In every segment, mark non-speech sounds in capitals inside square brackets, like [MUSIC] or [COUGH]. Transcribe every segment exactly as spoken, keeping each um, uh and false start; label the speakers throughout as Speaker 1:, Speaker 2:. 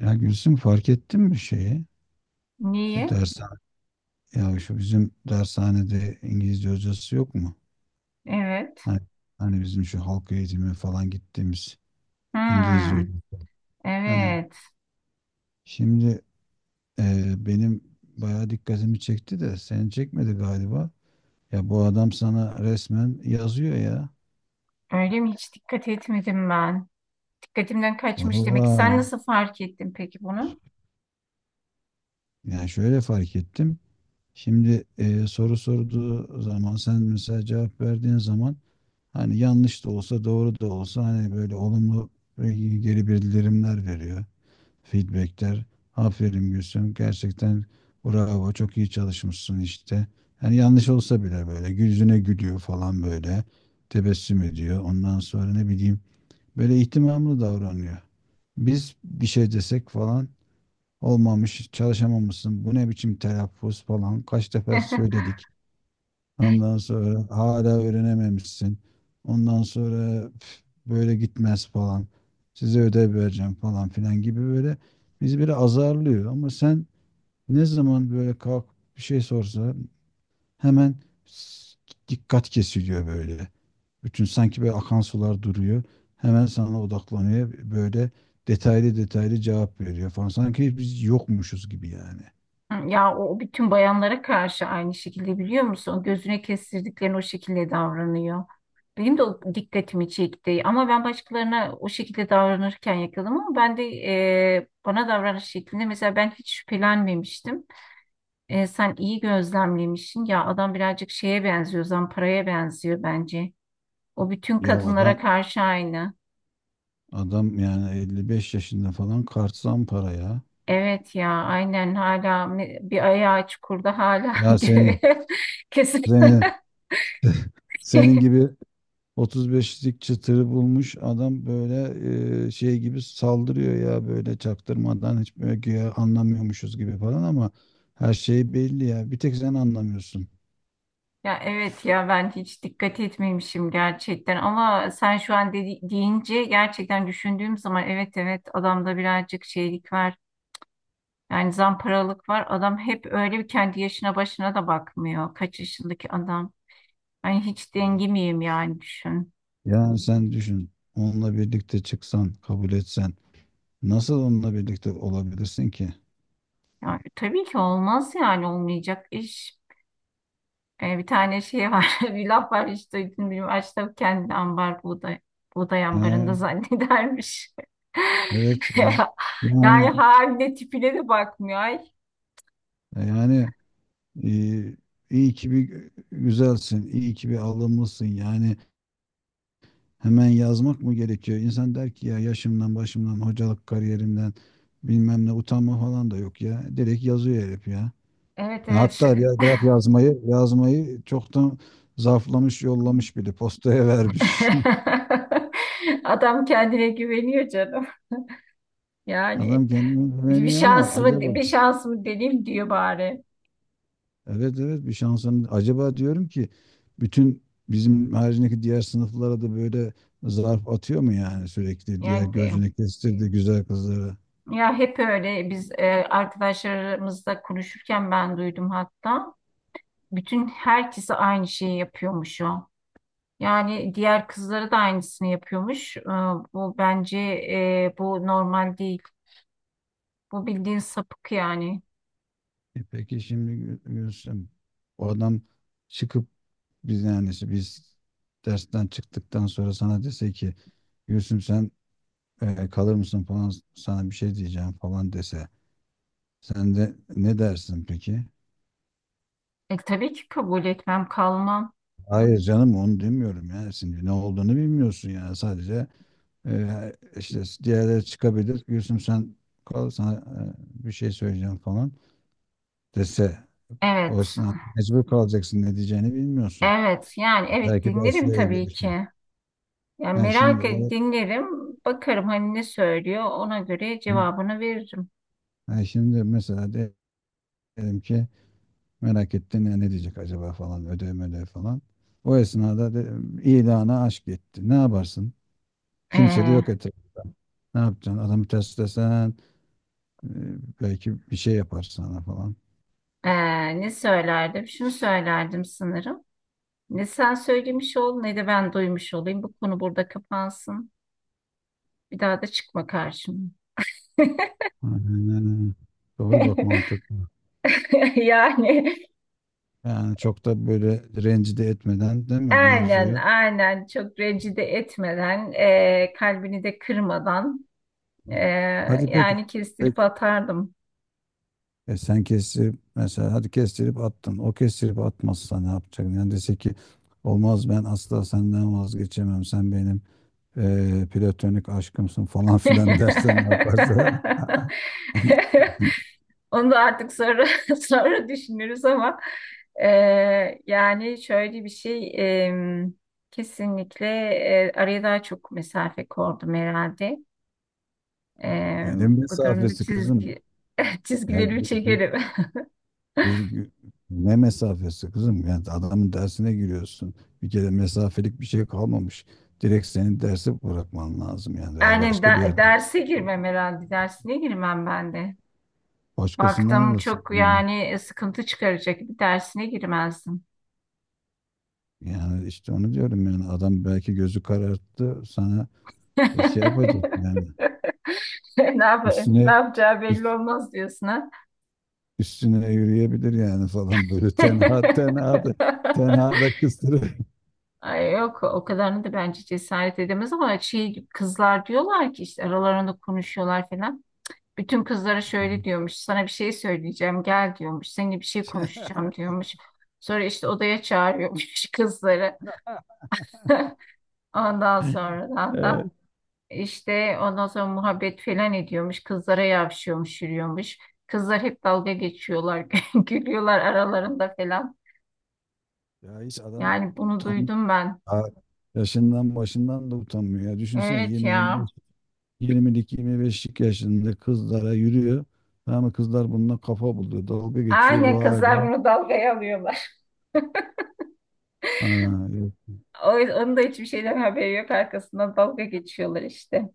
Speaker 1: Ya Gülsüm, fark ettin mi şeyi? Bu
Speaker 2: Niye?
Speaker 1: dershane, ya şu bizim dershanede İngilizce hocası yok mu?
Speaker 2: Evet.
Speaker 1: Hani, hani bizim şu halk eğitimi falan gittiğimiz İngilizce
Speaker 2: Hmm,
Speaker 1: hocası. Ha.
Speaker 2: evet.
Speaker 1: Şimdi, e, benim bayağı dikkatimi çekti de seni çekmedi galiba. Ya bu adam sana resmen yazıyor ya.
Speaker 2: Öyle mi? Hiç dikkat etmedim ben. Dikkatimden kaçmış demek ki. Sen
Speaker 1: Valla.
Speaker 2: nasıl fark ettin peki bunu?
Speaker 1: Yani şöyle fark ettim. Şimdi, e, soru sorduğu zaman, sen mesela cevap verdiğin zaman, hani yanlış da olsa doğru da olsa, hani böyle olumlu e, geri bildirimler veriyor. Feedbackler. Aferin Gülsüm. Gerçekten bravo, çok iyi çalışmışsın işte. Hani yanlış olsa bile böyle yüzüne gülüyor falan böyle. Tebessüm ediyor. Ondan sonra ne bileyim, böyle ihtimamlı davranıyor. Biz bir şey desek falan, olmamış, çalışamamışsın, bu ne biçim telaffuz, falan kaç defa
Speaker 2: [LAUGHS]
Speaker 1: söyledik. Ondan sonra hala öğrenememişsin. Ondan sonra, "Üf, böyle gitmez" falan. "Size ödev vereceğim" falan filan gibi, böyle bizi böyle azarlıyor. Ama sen, ne zaman böyle kalk bir şey sorsa, hemen s- dikkat kesiliyor böyle. Bütün sanki böyle akan sular duruyor. Hemen sana odaklanıyor. Böyle detaylı detaylı cevap veriyor falan. Sanki biz yokmuşuz gibi yani.
Speaker 2: Ya o bütün bayanlara karşı aynı şekilde biliyor musun? Gözüne kestirdiklerini o şekilde davranıyor. Benim de o dikkatimi çekti. Ama ben başkalarına o şekilde davranırken yakaladım ama ben de e, bana davranış şeklinde mesela ben hiç şüphelenmemiştim. E, sen iyi gözlemlemişsin. Ya adam birazcık şeye benziyor, Zampara'ya benziyor bence. O bütün
Speaker 1: Ya
Speaker 2: kadınlara
Speaker 1: adam
Speaker 2: karşı aynı.
Speaker 1: adam yani elli beş yaşında falan, kart para ya.
Speaker 2: Evet ya, aynen hala me- bir ayağı çukurda hala [LAUGHS]
Speaker 1: Ya senin,
Speaker 2: gö- kesin.
Speaker 1: senin, senin
Speaker 2: [LAUGHS]
Speaker 1: gibi otuz beşlik çıtırı bulmuş adam, böyle e, şey gibi saldırıyor ya, böyle çaktırmadan, hiç böyle güya anlamıyormuşuz gibi falan, ama her şey belli ya. Bir tek sen anlamıyorsun.
Speaker 2: Ya evet ya ben hiç dikkat etmemişim gerçekten ama sen şu an dedi- deyince gerçekten düşündüğüm zaman evet evet adamda birazcık şeylik var. Yani zamparalık var. Adam hep öyle bir kendi yaşına başına da bakmıyor. Kaç yaşındaki adam. Ay hiç
Speaker 1: Ya.
Speaker 2: dengi miyim yani düşün.
Speaker 1: Yani sen düşün, onunla birlikte çıksan, kabul etsen, nasıl onunla birlikte olabilirsin ki?
Speaker 2: Yani, tabii ki olmaz yani olmayacak iş. Ee, bir tane şey var [LAUGHS] bir laf var işte, duydun mu? Açta kendi ambar buğday, buğday ambarında
Speaker 1: He,
Speaker 2: zannedermiş.
Speaker 1: evet
Speaker 2: [LAUGHS]
Speaker 1: ya.
Speaker 2: Yani
Speaker 1: Yani
Speaker 2: haline tipine de bakmıyor. Ay.
Speaker 1: yani e, iyi ki bir güzelsin, iyi ki bir alımlısın yani. Hemen yazmak mı gerekiyor? İnsan der ki, ya yaşımdan, başımdan, hocalık kariyerimden, bilmem ne, utanma falan da yok ya. Direkt yazıyor herif ya.
Speaker 2: Evet
Speaker 1: Ya
Speaker 2: evet.
Speaker 1: hatta
Speaker 2: şey-
Speaker 1: biraz bırak yazmayı, yazmayı çoktan zarflamış, yollamış, bile postaya vermiş. [LAUGHS]
Speaker 2: [LAUGHS] Adam kendine güveniyor canım. Yani
Speaker 1: Adam kendine
Speaker 2: bir
Speaker 1: güveniyor, ama
Speaker 2: şansımı
Speaker 1: acaba
Speaker 2: bir şansımı deneyim diyor bari.
Speaker 1: evet evet, bir şansın acaba, diyorum ki, bütün bizim haricindeki diğer sınıflara da böyle zarf atıyor mu yani, sürekli diğer
Speaker 2: Yani
Speaker 1: gözünü kestirdi güzel kızlara.
Speaker 2: ya hep öyle biz e, arkadaşlarımızla konuşurken ben duydum hatta. Bütün herkese aynı şeyi yapıyormuş o. Yani diğer kızları da aynısını yapıyormuş. E, bu bence e, bu normal değil. Bu bildiğin sapık yani.
Speaker 1: E peki şimdi Gül- Gülsüm, o adam çıkıp, biz yani işte biz dersten çıktıktan sonra sana dese ki, "Gülsüm sen e, kalır mısın falan, sana bir şey diyeceğim" falan dese, sen de ne dersin peki?
Speaker 2: E, tabii ki kabul etmem, kalmam.
Speaker 1: Hayır canım, onu demiyorum ya, şimdi ne olduğunu bilmiyorsun yani, sadece e, işte diğerleri çıkabilir, "Gülsüm sen kal, sana e, bir şey söyleyeceğim" falan dese,
Speaker 2: Evet,
Speaker 1: o sen mecbur kalacaksın, ne diyeceğini bilmiyorsun.
Speaker 2: evet. Yani evet
Speaker 1: Belki
Speaker 2: dinlerim
Speaker 1: dersle ilgili
Speaker 2: tabii
Speaker 1: bir şey.
Speaker 2: ki. Yani
Speaker 1: Ha şimdi
Speaker 2: merak ed-
Speaker 1: o...
Speaker 2: dinlerim, bakarım hani ne söylüyor, ona göre
Speaker 1: Hı.
Speaker 2: cevabını veririm.
Speaker 1: Ha şimdi mesela, diyelim ki merak ettin ya, "Ne diyecek acaba" falan, ödev ödev falan. O esnada de, ilana aşk etti. Ne yaparsın? Kimse de
Speaker 2: Ee,
Speaker 1: yok etrafta. Ne yapacaksın? Adamı test desen, e, belki bir şey yapar sana falan.
Speaker 2: ee, ne söylerdim? Şunu söylerdim sanırım. Ne sen söylemiş ol, ne de ben duymuş olayım. Bu konu burada kapansın. Bir daha da çıkma karşıma.
Speaker 1: Aynen. Doğru bak,
Speaker 2: [LAUGHS]
Speaker 1: mantık.
Speaker 2: Yani
Speaker 1: Yani çok da böyle rencide etmeden, değil mi,
Speaker 2: aynen,
Speaker 1: mevzuyu?
Speaker 2: aynen çok rencide etmeden, e, kalbini de kırmadan, e,
Speaker 1: Hadi peki.
Speaker 2: yani
Speaker 1: Peki.
Speaker 2: kestirip atardım.
Speaker 1: E sen kestirip, mesela, hadi kestirip attın. O kestirip atmazsa ne yapacak? Yani dese ki, "Olmaz, ben asla senden vazgeçemem. Sen benim e, platonik aşkımsın" falan [LAUGHS] filan dersen,
Speaker 2: [LAUGHS]
Speaker 1: ne yaparsa. [LAUGHS]
Speaker 2: Onu da artık sonra [LAUGHS] sonra düşünürüz ama e, yani şöyle bir şey e, kesinlikle e, araya daha çok mesafe koydum herhalde. E,
Speaker 1: E, ne
Speaker 2: bu durumda
Speaker 1: mesafesi kızım?
Speaker 2: çizgi [LAUGHS]
Speaker 1: Ya
Speaker 2: çizgilerimi
Speaker 1: gü- gü-
Speaker 2: çekerim.
Speaker 1: kız gü- ne mesafesi kızım? Yani adamın dersine giriyorsun. Bir kere mesafelik bir şey kalmamış. Direkt senin dersi bırakman lazım yani, veya
Speaker 2: Yani
Speaker 1: başka bir
Speaker 2: de-
Speaker 1: yerde
Speaker 2: derse girmem herhalde. Dersine girmem ben de.
Speaker 1: başkasından
Speaker 2: Baktım
Speaker 1: alırsın.
Speaker 2: çok
Speaker 1: Yani,
Speaker 2: yani e, sıkıntı çıkaracak bir dersine girmezdim.
Speaker 1: yani işte onu diyorum yani, adam belki gözü kararttı sana, e, şey
Speaker 2: [LAUGHS]
Speaker 1: yapacak yani,
Speaker 2: Ne yap ne
Speaker 1: üstüne
Speaker 2: yapacağı belli
Speaker 1: üst-
Speaker 2: olmaz diyorsun ha.
Speaker 1: üstüne yürüyebilir yani falan, böyle tenha
Speaker 2: [LAUGHS]
Speaker 1: tenha da tenha da kıstırır. [LAUGHS]
Speaker 2: Ay yok o kadarını da bence cesaret edemez ama şey kızlar diyorlar ki işte aralarında konuşuyorlar falan. Bütün kızlara şöyle diyormuş sana bir şey söyleyeceğim gel diyormuş seninle bir şey konuşacağım diyormuş. Sonra işte odaya çağırıyormuş [LAUGHS] kızları. [LAUGHS] Ondan sonradan
Speaker 1: Evet.
Speaker 2: da işte ondan sonra muhabbet falan ediyormuş. Kızlara yavşıyormuş, yürüyormuş. Kızlar hep dalga geçiyorlar, [LAUGHS] gülüyorlar aralarında falan.
Speaker 1: Ya hiç adam
Speaker 2: Yani bunu
Speaker 1: tam
Speaker 2: duydum ben.
Speaker 1: ha, yaşından başından da utanmıyor. Ya düşünsene,
Speaker 2: Evet
Speaker 1: yirmi,
Speaker 2: ya.
Speaker 1: yirmi beş, yirmi beşlik yaşında kızlara yürüyor. Ama kızlar bununla kafa buluyor. Dalga geçiyor
Speaker 2: Aynen
Speaker 1: bu
Speaker 2: kızlar
Speaker 1: hala.
Speaker 2: bunu dalgaya alıyorlar.
Speaker 1: Ha,
Speaker 2: O, onun da hiçbir şeyden haberi yok. Arkasından dalga geçiyorlar işte.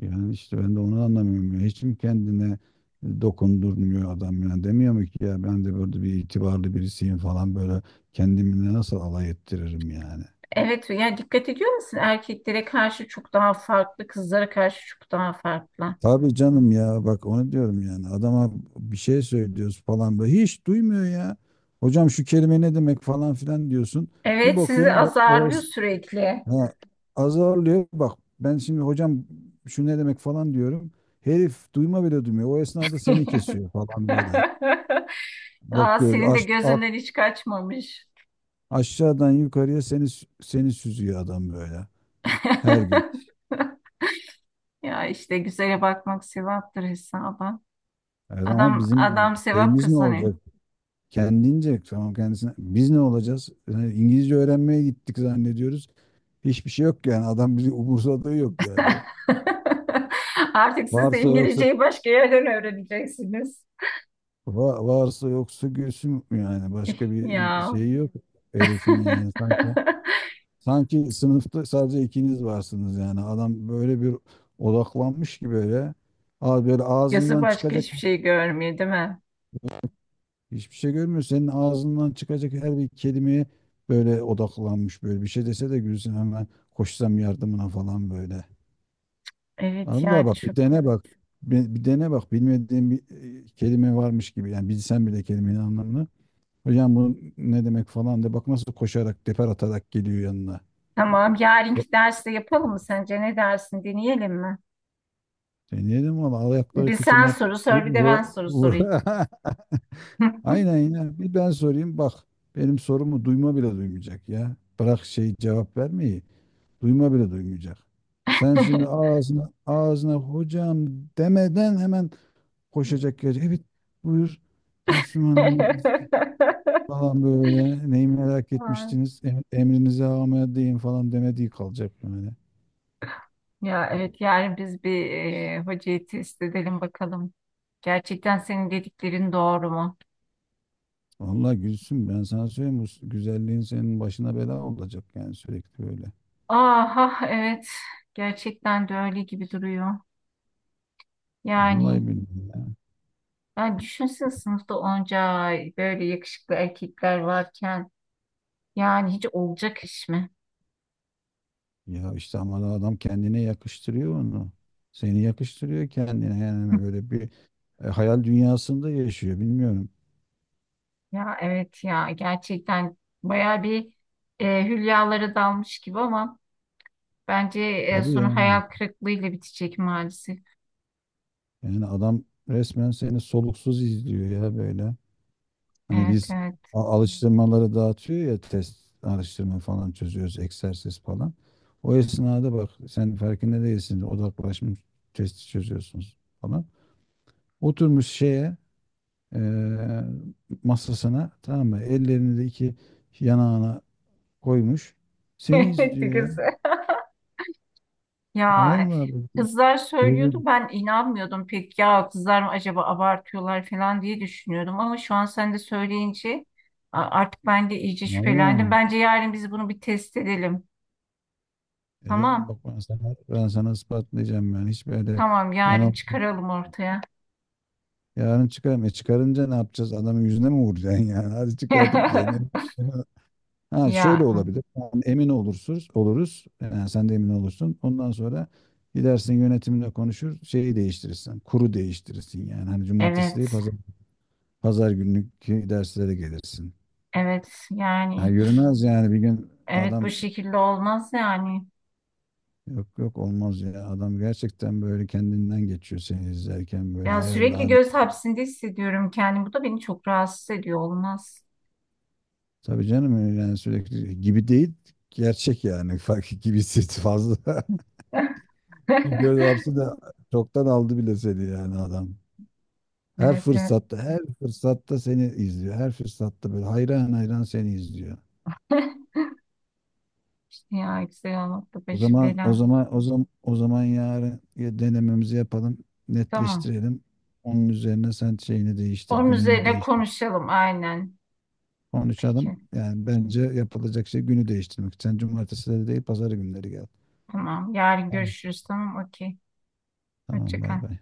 Speaker 1: yani işte ben de onu anlamıyorum ya. Hiç mi kendine dokundurmuyor adam yani, demiyor mu ki, ya ben de böyle bir itibarlı birisiyim falan, böyle kendimle nasıl alay ettiririm yani.
Speaker 2: Evet ya dikkat ediyor musun? Erkeklere karşı çok daha farklı, kızlara karşı çok daha farklı.
Speaker 1: Tabii canım ya, bak onu diyorum yani, adama bir şey söylüyoruz falan, böyle hiç duymuyor ya. "Hocam şu kelime ne demek" falan filan diyorsun. Bir
Speaker 2: Evet sizi
Speaker 1: bakıyorum o, o
Speaker 2: azarlıyor
Speaker 1: es-
Speaker 2: sürekli.
Speaker 1: ha, azarlıyor bak, ben şimdi "Hocam şu ne demek" falan diyorum. Herif duyma bile duymuyor. O esnada seni kesiyor falan böyle.
Speaker 2: [LAUGHS] Aa,
Speaker 1: Bakıyor
Speaker 2: senin de
Speaker 1: aç,
Speaker 2: gözünden hiç kaçmamış.
Speaker 1: aşağıdan yukarıya seni seni süzüyor adam böyle her gün.
Speaker 2: [LAUGHS] Ya işte güzele bakmak sevaptır hesaba.
Speaker 1: Evet, ama
Speaker 2: Adam
Speaker 1: bizim
Speaker 2: adam sevap
Speaker 1: şeyimiz ne
Speaker 2: kazanıyor.
Speaker 1: olacak? Kendince tamam, kendisine. Biz ne olacağız? Yani İngilizce öğrenmeye gittik zannediyoruz. Hiçbir şey yok yani. Adam bizi umursadığı yok yani.
Speaker 2: [LAUGHS] Artık siz de
Speaker 1: Varsa yoksa,
Speaker 2: İngilizceyi başka yerden öğreneceksiniz.
Speaker 1: va- varsa yoksa gülsün yani. Başka bir
Speaker 2: Ya.
Speaker 1: şeyi yok herifin yani
Speaker 2: [LAUGHS]
Speaker 1: sanki. Sanki sınıfta sadece ikiniz varsınız yani. Adam böyle bir odaklanmış ki böyle. Aa, böyle
Speaker 2: Gözü
Speaker 1: ağzından
Speaker 2: başka
Speaker 1: çıkacak...
Speaker 2: hiçbir şey görmüyor değil mi?
Speaker 1: Hiçbir şey görmüyor. Senin ağzından çıkacak her bir kelimeye böyle odaklanmış böyle. Bir şey dese de gülsün, hemen koşsam yardımına falan böyle.
Speaker 2: Evet
Speaker 1: Allah,
Speaker 2: ya
Speaker 1: bak bir
Speaker 2: çok.
Speaker 1: dene bak. Bir, bir dene bak, bilmediğin bir e, kelime varmış gibi. Yani bilsen bile kelimenin anlamını, "Hocam bu ne demek" falan de, bak nasıl koşarak, teper atarak geliyor yanına.
Speaker 2: Tamam
Speaker 1: E,
Speaker 2: yarınki derste yapalım mı sence? Ne dersin? Deneyelim mi?
Speaker 1: deneyelim valla, al ayakları
Speaker 2: Bir sen
Speaker 1: kıçına.
Speaker 2: soru
Speaker 1: Vur,
Speaker 2: sor bir de ben
Speaker 1: vur,
Speaker 2: soru
Speaker 1: vur.
Speaker 2: sorayım.
Speaker 1: [LAUGHS] Aynen ya, bir ben sorayım bak. Benim sorumu duyma bile duymayacak ya. Bırak şey, cevap vermeyi. Duyma bile duymayacak. Sen şimdi ağzına ağzına "hocam" demeden, hemen koşacak gelecek. "Evet buyur Gülsüm Hanım"
Speaker 2: [LAUGHS]
Speaker 1: falan böyle, "Neyi merak
Speaker 2: Ay,
Speaker 1: etmiştiniz, Em- emrinize amedeyim" falan, demediği kalacak yani.
Speaker 2: ya evet yani biz bir e, hocayı test edelim bakalım. Gerçekten senin dediklerin doğru mu?
Speaker 1: Vallahi Gülsüm, ben sana söyleyeyim, bu güzelliğin senin başına bela olacak yani, sürekli böyle.
Speaker 2: Aha evet gerçekten de öyle gibi duruyor.
Speaker 1: Vallahi
Speaker 2: Yani
Speaker 1: billahi ya.
Speaker 2: ben düşünsene sınıfta onca böyle yakışıklı erkekler varken yani hiç olacak iş mi?
Speaker 1: Ya işte ama adam kendine yakıştırıyor onu. Seni yakıştırıyor kendine yani, böyle bir e, hayal dünyasında yaşıyor, bilmiyorum.
Speaker 2: Ya evet ya gerçekten baya bir e, hülyalara dalmış gibi ama bence e,
Speaker 1: Tabii
Speaker 2: sonu hayal
Speaker 1: yani.
Speaker 2: kırıklığıyla bitecek maalesef.
Speaker 1: Yani adam resmen seni soluksuz izliyor ya böyle. Hani
Speaker 2: Evet
Speaker 1: biz
Speaker 2: evet. [LAUGHS]
Speaker 1: a- alıştırmaları dağıtıyor ya, test alıştırma falan çözüyoruz, egzersiz falan. O esnada bak, sen farkında değilsin, odaklaşmış testi çözüyorsunuz falan. Oturmuş şeye, eee, masasına, tamam mı, ellerini de iki yanağına koymuş. Seni
Speaker 2: Evet
Speaker 1: izliyor ya.
Speaker 2: kız. Ya
Speaker 1: Vallahi bak,
Speaker 2: kızlar söylüyordu
Speaker 1: gözüm.
Speaker 2: ben inanmıyordum pek ya kızlar mı acaba abartıyorlar falan diye düşünüyordum ama şu an sen de söyleyince a- artık ben de iyice şüphelendim.
Speaker 1: Vallahi.
Speaker 2: Bence yarın biz bunu bir test edelim.
Speaker 1: Ederim
Speaker 2: Tamam
Speaker 1: bak, ben sana, ben sana ispatlayacağım yani. Hiç böyle
Speaker 2: tamam yarın
Speaker 1: yani,
Speaker 2: çıkaralım ortaya.
Speaker 1: yarın çıkarım. E çıkarınca ne yapacağız? Adamın yüzüne mi vuracaksın yani? [LAUGHS] Hadi çıkardık diyelim.
Speaker 2: [LAUGHS]
Speaker 1: Ha şöyle
Speaker 2: Ya
Speaker 1: olabilir. Yani emin olursunuz, oluruz. Yani sen de emin olursun. Ondan sonra gidersin, yönetimle konuşur, şeyi değiştirirsin. Kuru değiştirirsin yani. Hani cumartesi
Speaker 2: evet
Speaker 1: değil, pazar, pazar günlük derslere gelirsin.
Speaker 2: evet
Speaker 1: Ha
Speaker 2: yani
Speaker 1: yürümez yani, bir gün
Speaker 2: evet bu
Speaker 1: adam...
Speaker 2: şekilde olmaz yani.
Speaker 1: Yok yok, olmaz ya. Adam gerçekten böyle kendinden geçiyor seni izlerken, böyle
Speaker 2: Ya
Speaker 1: hayal
Speaker 2: sürekli
Speaker 1: alem.
Speaker 2: göz hapsinde hissediyorum kendimi. Bu da beni çok rahatsız ediyor olmaz.
Speaker 1: Tabii canım yani, sürekli gibi değil, gerçek yani, [LAUGHS] fark gibisi fazla. [LAUGHS]
Speaker 2: [LAUGHS]
Speaker 1: Göz hapsi de çoktan aldı bile seni yani adam. Her
Speaker 2: Evet evet.
Speaker 1: fırsatta her fırsatta seni izliyor. Her fırsatta böyle hayran hayran seni izliyor.
Speaker 2: [LAUGHS] İşte ya güzel olmakla
Speaker 1: O
Speaker 2: başı
Speaker 1: zaman o
Speaker 2: bela.
Speaker 1: zaman o zaman o zaman yarın ya, denememizi yapalım,
Speaker 2: Tamam.
Speaker 1: netleştirelim. Onun üzerine sen şeyini değiştir,
Speaker 2: Onun
Speaker 1: gününü
Speaker 2: üzerine
Speaker 1: değiştir.
Speaker 2: konuşalım aynen.
Speaker 1: Konuşalım.
Speaker 2: Peki.
Speaker 1: Yani bence yapılacak şey, günü değiştirmek. Sen cumartesileri değil, pazar günleri gel.
Speaker 2: Tamam. Yarın
Speaker 1: Tamam.
Speaker 2: görüşürüz. Tamam. Okey.
Speaker 1: Tamam,
Speaker 2: Hoşça
Speaker 1: bay
Speaker 2: kal.
Speaker 1: bay.